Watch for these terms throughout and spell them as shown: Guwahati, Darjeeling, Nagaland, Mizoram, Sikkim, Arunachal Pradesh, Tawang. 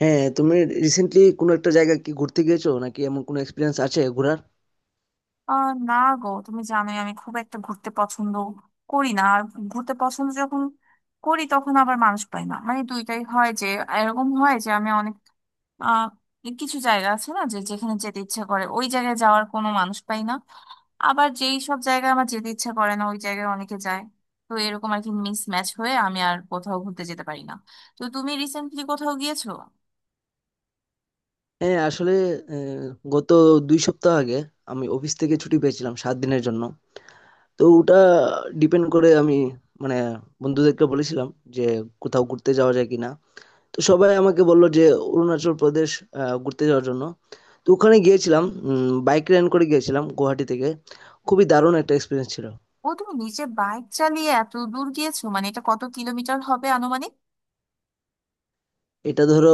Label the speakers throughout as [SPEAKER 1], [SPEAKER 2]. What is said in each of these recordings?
[SPEAKER 1] হ্যাঁ, তুমি রিসেন্টলি কোনো একটা জায়গা কি ঘুরতে গিয়েছো, নাকি এমন কোনো এক্সপিরিয়েন্স আছে ঘোরার?
[SPEAKER 2] না গো, তুমি জানোই আমি খুব একটা ঘুরতে পছন্দ করি না। আর ঘুরতে পছন্দ যখন করি তখন আবার মানুষ পাই না। মানে দুইটাই হয়, যে এরকম হয় যে আমি অনেক আহ কিছু জায়গা আছে না, যে যেখানে যেতে ইচ্ছা করে ওই জায়গায় যাওয়ার কোনো মানুষ পাই না। আবার যেই সব জায়গায় আমার যেতে ইচ্ছা করে না ওই জায়গায় অনেকে যায়। তো এরকম আর কি মিস ম্যাচ হয়ে আমি আর কোথাও ঘুরতে যেতে পারি না। তো তুমি রিসেন্টলি কোথাও গিয়েছো?
[SPEAKER 1] হ্যাঁ, আসলে আহ, গত ২ সপ্তাহ আগে আমি অফিস থেকে ছুটি পেয়েছিলাম ৭ দিনের জন্য। তো ওটা ডিপেন্ড করে, আমি মানে বন্ধুদেরকে বলেছিলাম যে কোথাও ঘুরতে যাওয়া যায় কিনা। তো সবাই আমাকে বললো যে অরুণাচল প্রদেশ ঘুরতে যাওয়ার জন্য। তো ওখানে গিয়েছিলাম, বাইক রেন্ট করে গিয়েছিলাম গুয়াহাটি থেকে। খুবই দারুণ একটা এক্সপিরিয়েন্স ছিল।
[SPEAKER 2] ও, তুমি নিজে বাইক চালিয়ে এত দূর গিয়েছো? মানে এটা কত কিলোমিটার হবে আনুমানিক?
[SPEAKER 1] এটা ধরো,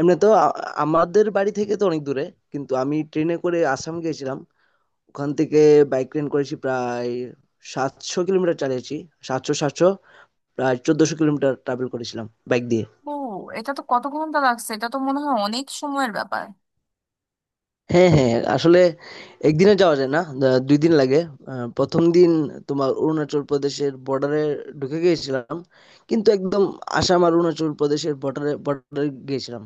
[SPEAKER 1] এমনি তো আমাদের বাড়ি থেকে তো অনেক দূরে, কিন্তু আমি ট্রেনে করে আসাম গিয়েছিলাম। ওখান থেকে বাইক রেন্ট করেছি, প্রায় ৭০০ কিলোমিটার চালিয়েছি। সাতশো সাতশো, প্রায় ১৪০০ কিলোমিটার ট্রাভেল করেছিলাম বাইক দিয়ে।
[SPEAKER 2] ও, এটা তো কত ঘন্টা লাগছে, এটা তো মনে হয় অনেক সময়ের ব্যাপার।
[SPEAKER 1] হ্যাঁ হ্যাঁ, আসলে একদিনে যাওয়া যায় না, ২ দিন লাগে। প্রথম দিন তোমার অরুণাচল প্রদেশের বর্ডারে ঢুকে গিয়েছিলাম, কিন্তু একদম আসাম আর অরুণাচল প্রদেশের বর্ডারে বর্ডারে গিয়েছিলাম।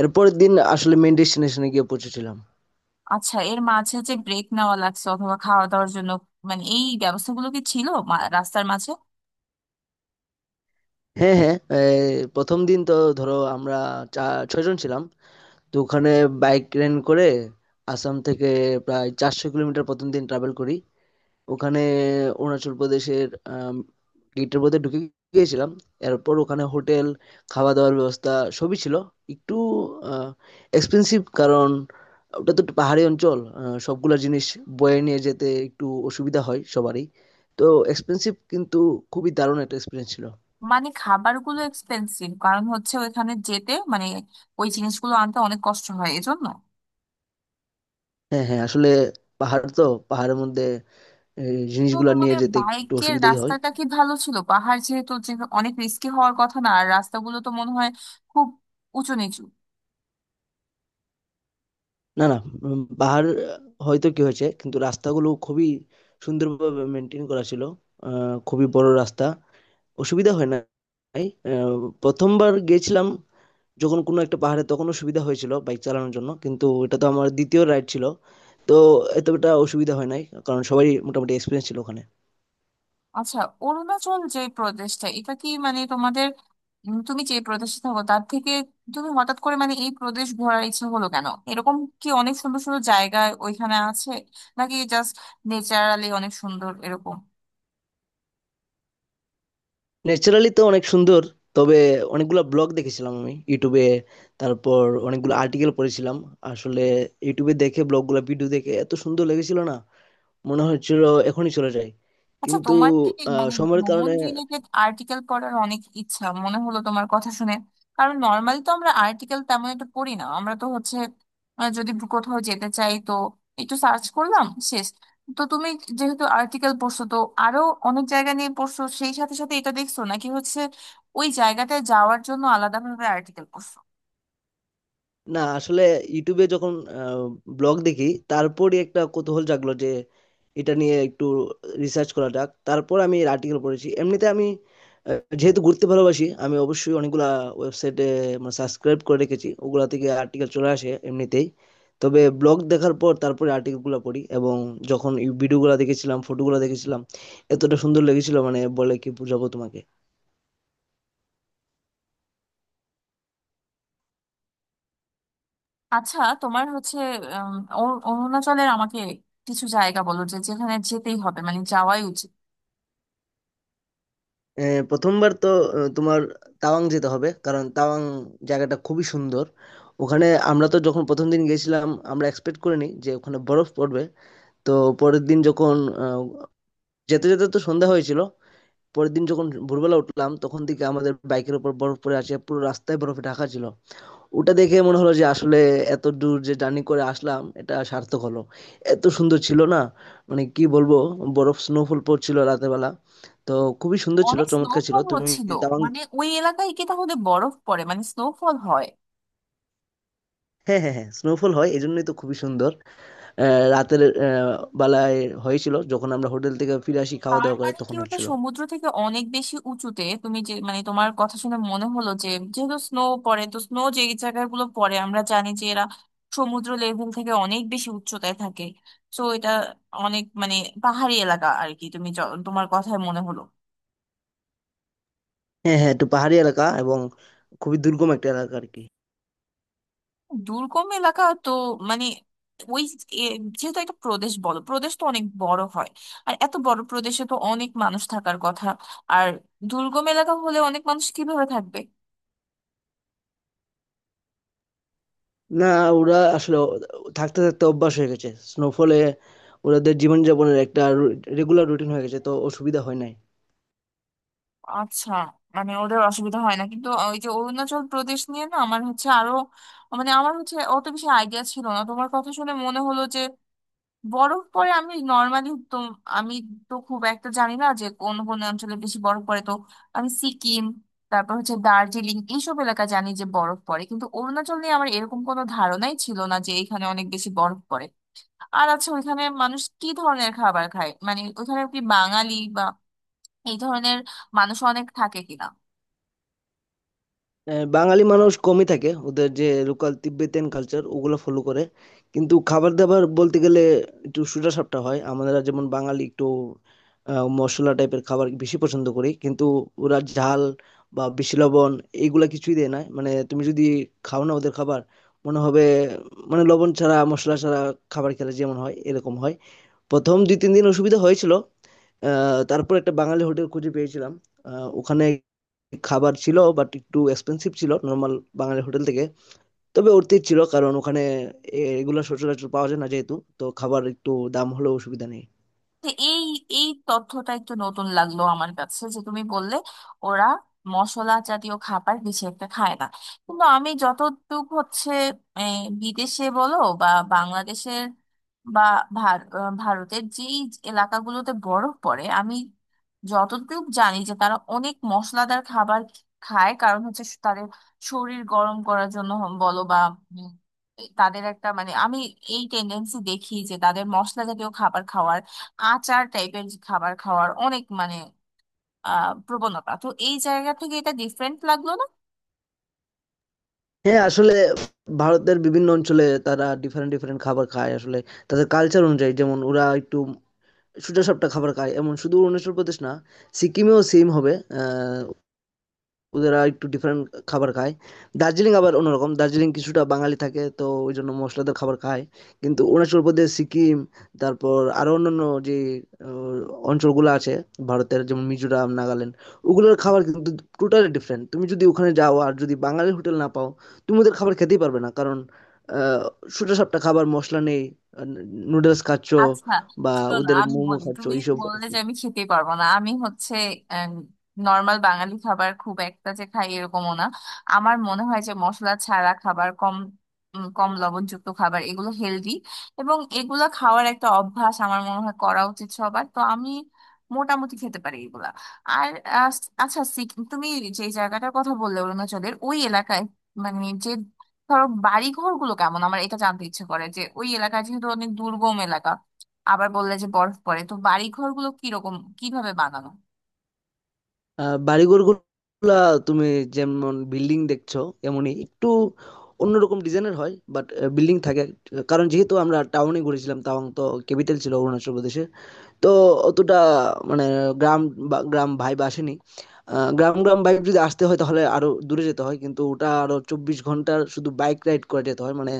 [SPEAKER 1] এরপরের দিন আসলে মেন ডেস্টিনেশনে গিয়ে পৌঁছেছিলাম।
[SPEAKER 2] আচ্ছা, এর মাঝে যে ব্রেক নেওয়া লাগছে অথবা খাওয়া দাওয়ার জন্য, মানে এই ব্যবস্থাগুলো কি ছিল রাস্তার মাঝে?
[SPEAKER 1] হ্যাঁ হ্যাঁ, এই প্রথম দিন তো ধরো আমরা চা ৬ জন ছিলাম। তো ওখানে বাইক রেন্ট করে আসাম থেকে প্রায় ৪০০ কিলোমিটার প্রথম দিন ট্রাভেল করি। ওখানে অরুণাচল প্রদেশের গেটের মধ্যে ঢুকে গিয়েছিলাম। এরপর ওখানে হোটেল, খাওয়া দাওয়ার ব্যবস্থা সবই ছিল। একটু এক্সপেন্সিভ, কারণ ওটা তো একটু পাহাড়ি অঞ্চল, সবগুলা জিনিস বয়ে নিয়ে যেতে একটু অসুবিধা হয় সবারই। তো এক্সপেন্সিভ, কিন্তু খুবই দারুণ একটা এক্সপিরিয়েন্স ছিল।
[SPEAKER 2] মানে খাবারগুলো এক্সপেন্সিভ কারণ হচ্ছে ওইখানে যেতে মানে ওই জিনিসগুলো আনতে অনেক কষ্ট হয় এজন্য?
[SPEAKER 1] হ্যাঁ হ্যাঁ, আসলে পাহাড় তো, পাহাড়ের মধ্যে এই
[SPEAKER 2] তো
[SPEAKER 1] জিনিসগুলা নিয়ে
[SPEAKER 2] তোমাদের
[SPEAKER 1] যেতে একটু
[SPEAKER 2] বাইকের
[SPEAKER 1] অসুবিধাই হয়।
[SPEAKER 2] রাস্তাটা কি ভালো ছিল? পাহাড় যেহেতু, যে অনেক রিস্কি হওয়ার কথা না? আর রাস্তাগুলো তো মনে হয় খুব উঁচু নিচু।
[SPEAKER 1] না না, পাহাড় হয়তো কি হয়েছে, কিন্তু রাস্তাগুলো খুবই সুন্দরভাবে মেনটেন করা ছিল। খুবই বড় রাস্তা, অসুবিধা হয় নাই। প্রথমবার গেছিলাম যখন কোনো একটা পাহাড়ে, তখন অসুবিধা হয়েছিল বাইক চালানোর জন্য, কিন্তু এটা তো আমার দ্বিতীয় রাইড ছিল। তো এতটা অসুবিধা হয় নাই, কারণ সবাই মোটামুটি এক্সপিরিয়েন্স ছিল ওখানে।
[SPEAKER 2] আচ্ছা, অরুণাচল যে প্রদেশটা, এটা কি মানে তোমাদের তুমি যে প্রদেশে থাকো তার থেকে তুমি হঠাৎ করে মানে এই প্রদেশ ঘোরার ইচ্ছা হলো কেন? এরকম কি অনেক সুন্দর সুন্দর জায়গা ওইখানে আছে, নাকি জাস্ট নেচারালি অনেক সুন্দর এরকম?
[SPEAKER 1] ন্যাচারালি তো অনেক সুন্দর। তবে অনেকগুলা ব্লগ দেখেছিলাম আমি ইউটিউবে। তারপর অনেকগুলো আর্টিকেল পড়েছিলাম। আসলে ইউটিউবে দেখে ব্লগগুলো ভিডিও দেখে এত সুন্দর লেগেছিল না, মনে হচ্ছিল এখনই চলে যাই।
[SPEAKER 2] আচ্ছা,
[SPEAKER 1] কিন্তু
[SPEAKER 2] তোমার কি মানে
[SPEAKER 1] সময়ের
[SPEAKER 2] ভ্রমণ
[SPEAKER 1] কারণে।
[SPEAKER 2] রিলেটেড আর্টিকেল পড়ার অনেক ইচ্ছা? মনে হলো তোমার কথা শুনে, কারণ নর্মালি তো আমরা আর্টিকেল তেমন একটা পড়ি না। আমরা তো হচ্ছে যদি কোথাও যেতে চাই তো একটু সার্চ করলাম, শেষ। তো তুমি যেহেতু আর্টিকেল পড়ছো, তো আরো অনেক জায়গা নিয়ে পড়ছো সেই সাথে সাথে এটা দেখছো, নাকি হচ্ছে ওই জায়গাটায় যাওয়ার জন্য আলাদাভাবে আর্টিকেল পড়ছো?
[SPEAKER 1] না, আসলে ইউটিউবে যখন ব্লগ দেখি, তারপরই একটা কৌতূহল জাগলো যে এটা নিয়ে একটু রিসার্চ করা যাক। তারপর আমি এর আর্টিকেল পড়েছি। এমনিতে আমি যেহেতু ঘুরতে ভালোবাসি, আমি অবশ্যই অনেকগুলা ওয়েবসাইটে মানে সাবস্ক্রাইব করে রেখেছি, ওগুলা থেকে আর্টিকেল চলে আসে এমনিতেই। তবে ব্লগ দেখার পর তারপরে আর্টিকেলগুলো পড়ি, এবং যখন ভিডিওগুলো দেখেছিলাম, ফটোগুলো দেখেছিলাম, এতটা সুন্দর লেগেছিল, মানে বলে কি বোঝাবো তোমাকে।
[SPEAKER 2] আচ্ছা, তোমার হচ্ছে উম, অরুণাচলের আমাকে কিছু জায়গা বলো, যে যেখানে যেতেই হবে, মানে যাওয়াই উচিত।
[SPEAKER 1] প্রথমবার তো তোমার তাওয়াং যেতে হবে, কারণ তাওয়াং জায়গাটা খুবই সুন্দর। ওখানে আমরা তো যখন প্রথম দিন গেছিলাম, আমরা এক্সপেক্ট করিনি যে ওখানে বরফ পড়বে। তো পরের দিন যখন আহ, যেতে যেতে তো সন্ধ্যা হয়েছিল, পরের দিন যখন ভোরবেলা উঠলাম, তখন থেকে আমাদের বাইকের উপর বরফ পড়ে আছে, পুরো রাস্তায় বরফে ঢাকা ছিল। ওটা দেখে মনে হলো যে আসলে এত দূর যে জার্নি করে আসলাম এটা সার্থক হলো। এত সুন্দর ছিল, না মানে কি বলবো, বরফ স্নোফল পড়ছিল রাতের বেলা। তো খুবই সুন্দর ছিল,
[SPEAKER 2] অনেক
[SPEAKER 1] চমৎকার ছিল।
[SPEAKER 2] স্নোফল
[SPEAKER 1] তুমি
[SPEAKER 2] হচ্ছিল?
[SPEAKER 1] তাওয়াং।
[SPEAKER 2] মানে ওই এলাকায় কি তাহলে বরফ পড়ে, মানে স্নোফল হয়?
[SPEAKER 1] হ্যাঁ হ্যাঁ হ্যাঁ, স্নোফল হয়, এই জন্যই তো খুবই সুন্দর। রাতের বেলায় হয়েছিল, যখন আমরা হোটেল থেকে ফিরে আসি খাওয়া
[SPEAKER 2] তার
[SPEAKER 1] দাওয়া করে,
[SPEAKER 2] মানে কি
[SPEAKER 1] তখন
[SPEAKER 2] ওটা
[SPEAKER 1] হচ্ছিল।
[SPEAKER 2] সমুদ্র থেকে অনেক বেশি উঁচুতে? তুমি যে মানে তোমার কথা শুনে মনে হলো যে যেহেতু স্নো পড়ে, তো স্নো যে জায়গাগুলো পড়ে আমরা জানি যে এরা সমুদ্র লেভেল থেকে অনেক বেশি উচ্চতায় থাকে। তো এটা অনেক মানে পাহাড়ি এলাকা আর কি, তুমি তোমার কথায় মনে হলো।
[SPEAKER 1] হ্যাঁ হ্যাঁ, একটু পাহাড়ি এলাকা, এবং খুবই দুর্গম একটা এলাকা আর কি।
[SPEAKER 2] দুর্গম এলাকা, তো মানে ওই এ- যেহেতু একটা প্রদেশ বলো, প্রদেশ তো অনেক বড় হয়। আর এত বড় প্রদেশে তো অনেক মানুষ থাকার কথা। আর দুর্গম এলাকা হলে অনেক মানুষ কিভাবে থাকবে?
[SPEAKER 1] না, ওরা আসলে থাকতে থাকতে অভ্যাস হয়ে গেছে, স্নোফলে ওদের জীবনযাপনের একটা রেগুলার রুটিন হয়ে গেছে, তো অসুবিধা হয় নাই।
[SPEAKER 2] আচ্ছা, মানে ওদের অসুবিধা হয় না, কিন্তু ওই যে অরুণাচল প্রদেশ নিয়ে না আমার হচ্ছে আরো, মানে আমার হচ্ছে অত বেশি আইডিয়া ছিল না। তোমার কথা শুনে মনে হলো বরফ পরে। আমি নর্মালি তো আমি তো খুব একটা জানি না যে কোন কোন অঞ্চলে বেশি বরফ পড়ে। তো আমি সিকিম, তারপর হচ্ছে দার্জিলিং, এইসব এলাকা জানি যে বরফ পড়ে, কিন্তু অরুণাচল নিয়ে আমার এরকম কোনো ধারণাই ছিল না যে এখানে অনেক বেশি বরফ পড়ে। আর আচ্ছা, ওইখানে মানুষ কি ধরনের খাবার খায়? মানে ওইখানে কি বাঙালি বা এই ধরনের মানুষ অনেক থাকে কিনা?
[SPEAKER 1] বাঙালি মানুষ কমই থাকে, ওদের যে লোকাল তিব্বেতিয়ান কালচার ওগুলো ফলো করে। কিন্তু খাবার দাবার বলতে গেলে একটু সোজা সাপটা হয়। আমরা যেমন বাঙালি একটু মশলা টাইপের খাবার বেশি পছন্দ করি, কিন্তু ওরা ঝাল বা বেশি লবণ এইগুলা কিছুই দেয় না। মানে তুমি যদি খাও না ওদের খাবার, মনে হবে মানে লবণ ছাড়া মশলা ছাড়া খাবার খেলে যেমন হয় এরকম হয়। প্রথম ২-৩ দিন অসুবিধা হয়েছিল। আ তারপর একটা বাঙালি হোটেল খুঁজে পেয়েছিলাম। আ ওখানে খাবার ছিল, বাট একটু এক্সপেনসিভ ছিল নরমাল বাঙালি হোটেল থেকে। তবে অর্থিত ছিল, কারণ ওখানে এগুলা সচরাচর পাওয়া যায় না যেহেতু। তো খাবার একটু দাম হলেও অসুবিধা নেই।
[SPEAKER 2] তো এই এই তথ্যটা একটু নতুন লাগলো আমার কাছে, যে তুমি বললে ওরা মশলা জাতীয় খাবার বেশি একটা খায় না। কিন্তু আমি যতটুকু হচ্ছে এই, বিদেশে বলো বা বাংলাদেশের বা ভারতের যেই এলাকাগুলোতে বরফ পড়ে, আমি যতটুকু জানি যে তারা অনেক মশলাদার খাবার খায় কারণ হচ্ছে তাদের শরীর গরম করার জন্য। হম, বলো বা উম, তাদের একটা মানে আমি এই টেন্ডেন্সি দেখি যে তাদের মশলা জাতীয় খাবার খাওয়ার, আচার টাইপের খাবার খাওয়ার অনেক মানে প্রবণতা। তো এই জায়গা থেকে এটা ডিফারেন্ট লাগলো না।
[SPEAKER 1] হ্যাঁ, আসলে ভারতের বিভিন্ন অঞ্চলে তারা ডিফারেন্ট, ডিফারেন্ট খাবার খায় আসলে। তাদের কালচার অনুযায়ী, যেমন ওরা একটু সোজাসাপ্টা খাবার খায়। এমন শুধু অরুণাচল প্রদেশ না, সিকিমেও সেইম হবে। ওদেরা একটু ডিফারেন্ট খাবার খায়। দার্জিলিং আবার অন্যরকম। দার্জিলিং কিছুটা বাঙালি থাকে তো ওইজন্য মশলাদার খাবার খায়। কিন্তু অরুণাচল প্রদেশ, সিকিম, তারপর আরো অন্যান্য যে আহ, অঞ্চলগুলো আছে ভারতের, যেমন মিজোরাম, নাগাল্যান্ড, ওগুলোর খাবার কিন্তু টোটালি ডিফারেন্ট। তুমি যদি ওখানে যাও আর যদি বাঙালি হোটেল না পাও, তুমি ওদের খাবার খেতেই পারবে না। কারণ আহ, সোজা সাপটা খাবার, মশলা নেই। নুডলস খাচ্ছ
[SPEAKER 2] আচ্ছা,
[SPEAKER 1] বা
[SPEAKER 2] শোনো
[SPEAKER 1] ওদের
[SPEAKER 2] আমি
[SPEAKER 1] মোমো
[SPEAKER 2] বলি,
[SPEAKER 1] খাচ্ছ
[SPEAKER 2] তুমি
[SPEAKER 1] এইসব।
[SPEAKER 2] বললে যে আমি খেতেই পারবো না। আমি হচ্ছে নর্মাল বাঙালি খাবার খুব একটা যে খাই এরকমও না। আমার মনে হয় যে মশলা ছাড়া খাবার, কম কম লবণযুক্ত খাবার এগুলো হেলদি, এবং এগুলো খাওয়ার একটা অভ্যাস আমার মনে হয় করা উচিত সবার। তো আমি মোটামুটি খেতে পারি এগুলা। আর আহ, আচ্ছা, তুমি যে জায়গাটার কথা বললে অরুণাচলের ওই এলাকায়, মানে যে ধরো বাড়ি ঘরগুলো কেমন? আমার এটা জানতে ইচ্ছে করে, যে ওই এলাকা যেহেতু অনেক দুর্গম এলাকা, আবার বললে যে বরফ পড়ে, তো বাড়ি ঘরগুলো কিরকম, কিভাবে বানানো?
[SPEAKER 1] বাড়িঘর গুলা তুমি যেমন বিল্ডিং দেখছো, এমনই একটু অন্যরকম ডিজাইনের হয়, বাট বিল্ডিং থাকে। কারণ যেহেতু আমরা টাউনে ঘুরেছিলাম, তাওয়াং তো ক্যাপিটাল ছিল অরুণাচল প্রদেশের। তো অতটা মানে গ্রাম বা গ্রাম ভাইব আসেনি। গ্রাম গ্রাম ভাইব যদি আসতে হয়, তাহলে আরো দূরে যেতে হয়, কিন্তু ওটা আরো ২৪ ঘন্টার শুধু বাইক রাইড করে যেতে হয় মানে।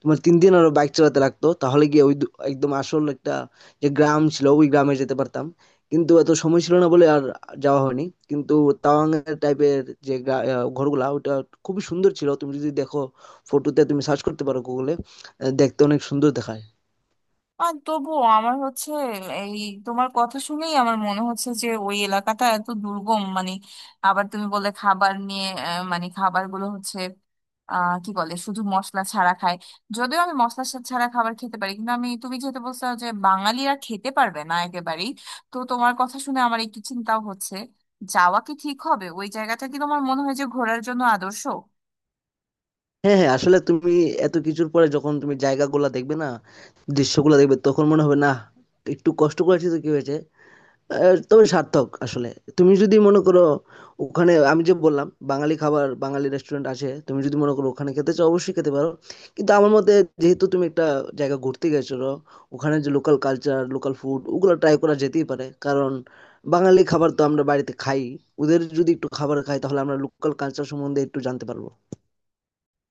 [SPEAKER 1] তোমার ৩ দিন আরো বাইক চালাতে লাগতো, তাহলে গিয়ে ওই একদম আসল একটা যে গ্রাম ছিল, ওই গ্রামে যেতে পারতাম। কিন্তু এত সময় ছিল না বলে আর যাওয়া হয়নি। কিন্তু তাওয়াং এর টাইপের যে ঘরগুলা, ওটা খুবই সুন্দর ছিল। তুমি যদি দেখো ফটোতে, তুমি সার্চ করতে পারো গুগলে, দেখতে অনেক সুন্দর দেখায়।
[SPEAKER 2] আর তবুও আমার হচ্ছে এই, তোমার কথা শুনেই আমার মনে হচ্ছে যে ওই এলাকাটা এত দুর্গম মানে, আবার তুমি বললে খাবার নিয়ে, মানে খাবারগুলো হচ্ছে কি বলে, শুধু মশলা ছাড়া খায়। যদিও আমি মশলা ছাড়া খাবার খেতে পারি, কিন্তু আমি, তুমি যেহেতু বলছো যে বাঙালিরা খেতে পারবে না একেবারেই, তো তোমার কথা শুনে আমার একটু চিন্তাও হচ্ছে যাওয়া কি ঠিক হবে। ওই জায়গাটা কি তোমার মনে হয় যে ঘোরার জন্য আদর্শ?
[SPEAKER 1] হ্যাঁ হ্যাঁ, আসলে তুমি এত কিছুর পরে যখন তুমি জায়গাগুলো দেখবে না, দৃশ্যগুলো দেখবে, তখন মনে হবে না একটু কষ্ট করেছি তো কি হয়েছে। তবে সার্থক আসলে। তুমি যদি মনে করো, ওখানে আমি যে বললাম বাঙালি খাবার, বাঙালি রেস্টুরেন্ট আছে, তুমি যদি মনে করো ওখানে খেতে চাও, অবশ্যই খেতে পারো। কিন্তু আমার মতে, যেহেতু তুমি একটা জায়গা ঘুরতে গেছো, ওখানে যে লোকাল কালচার লোকাল ফুড ওগুলো ট্রাই করা যেতেই পারে। কারণ বাঙালি খাবার তো আমরা বাড়িতে খাই, ওদের যদি একটু খাবার খাই, তাহলে আমরা লোকাল কালচার সম্বন্ধে একটু জানতে পারবো।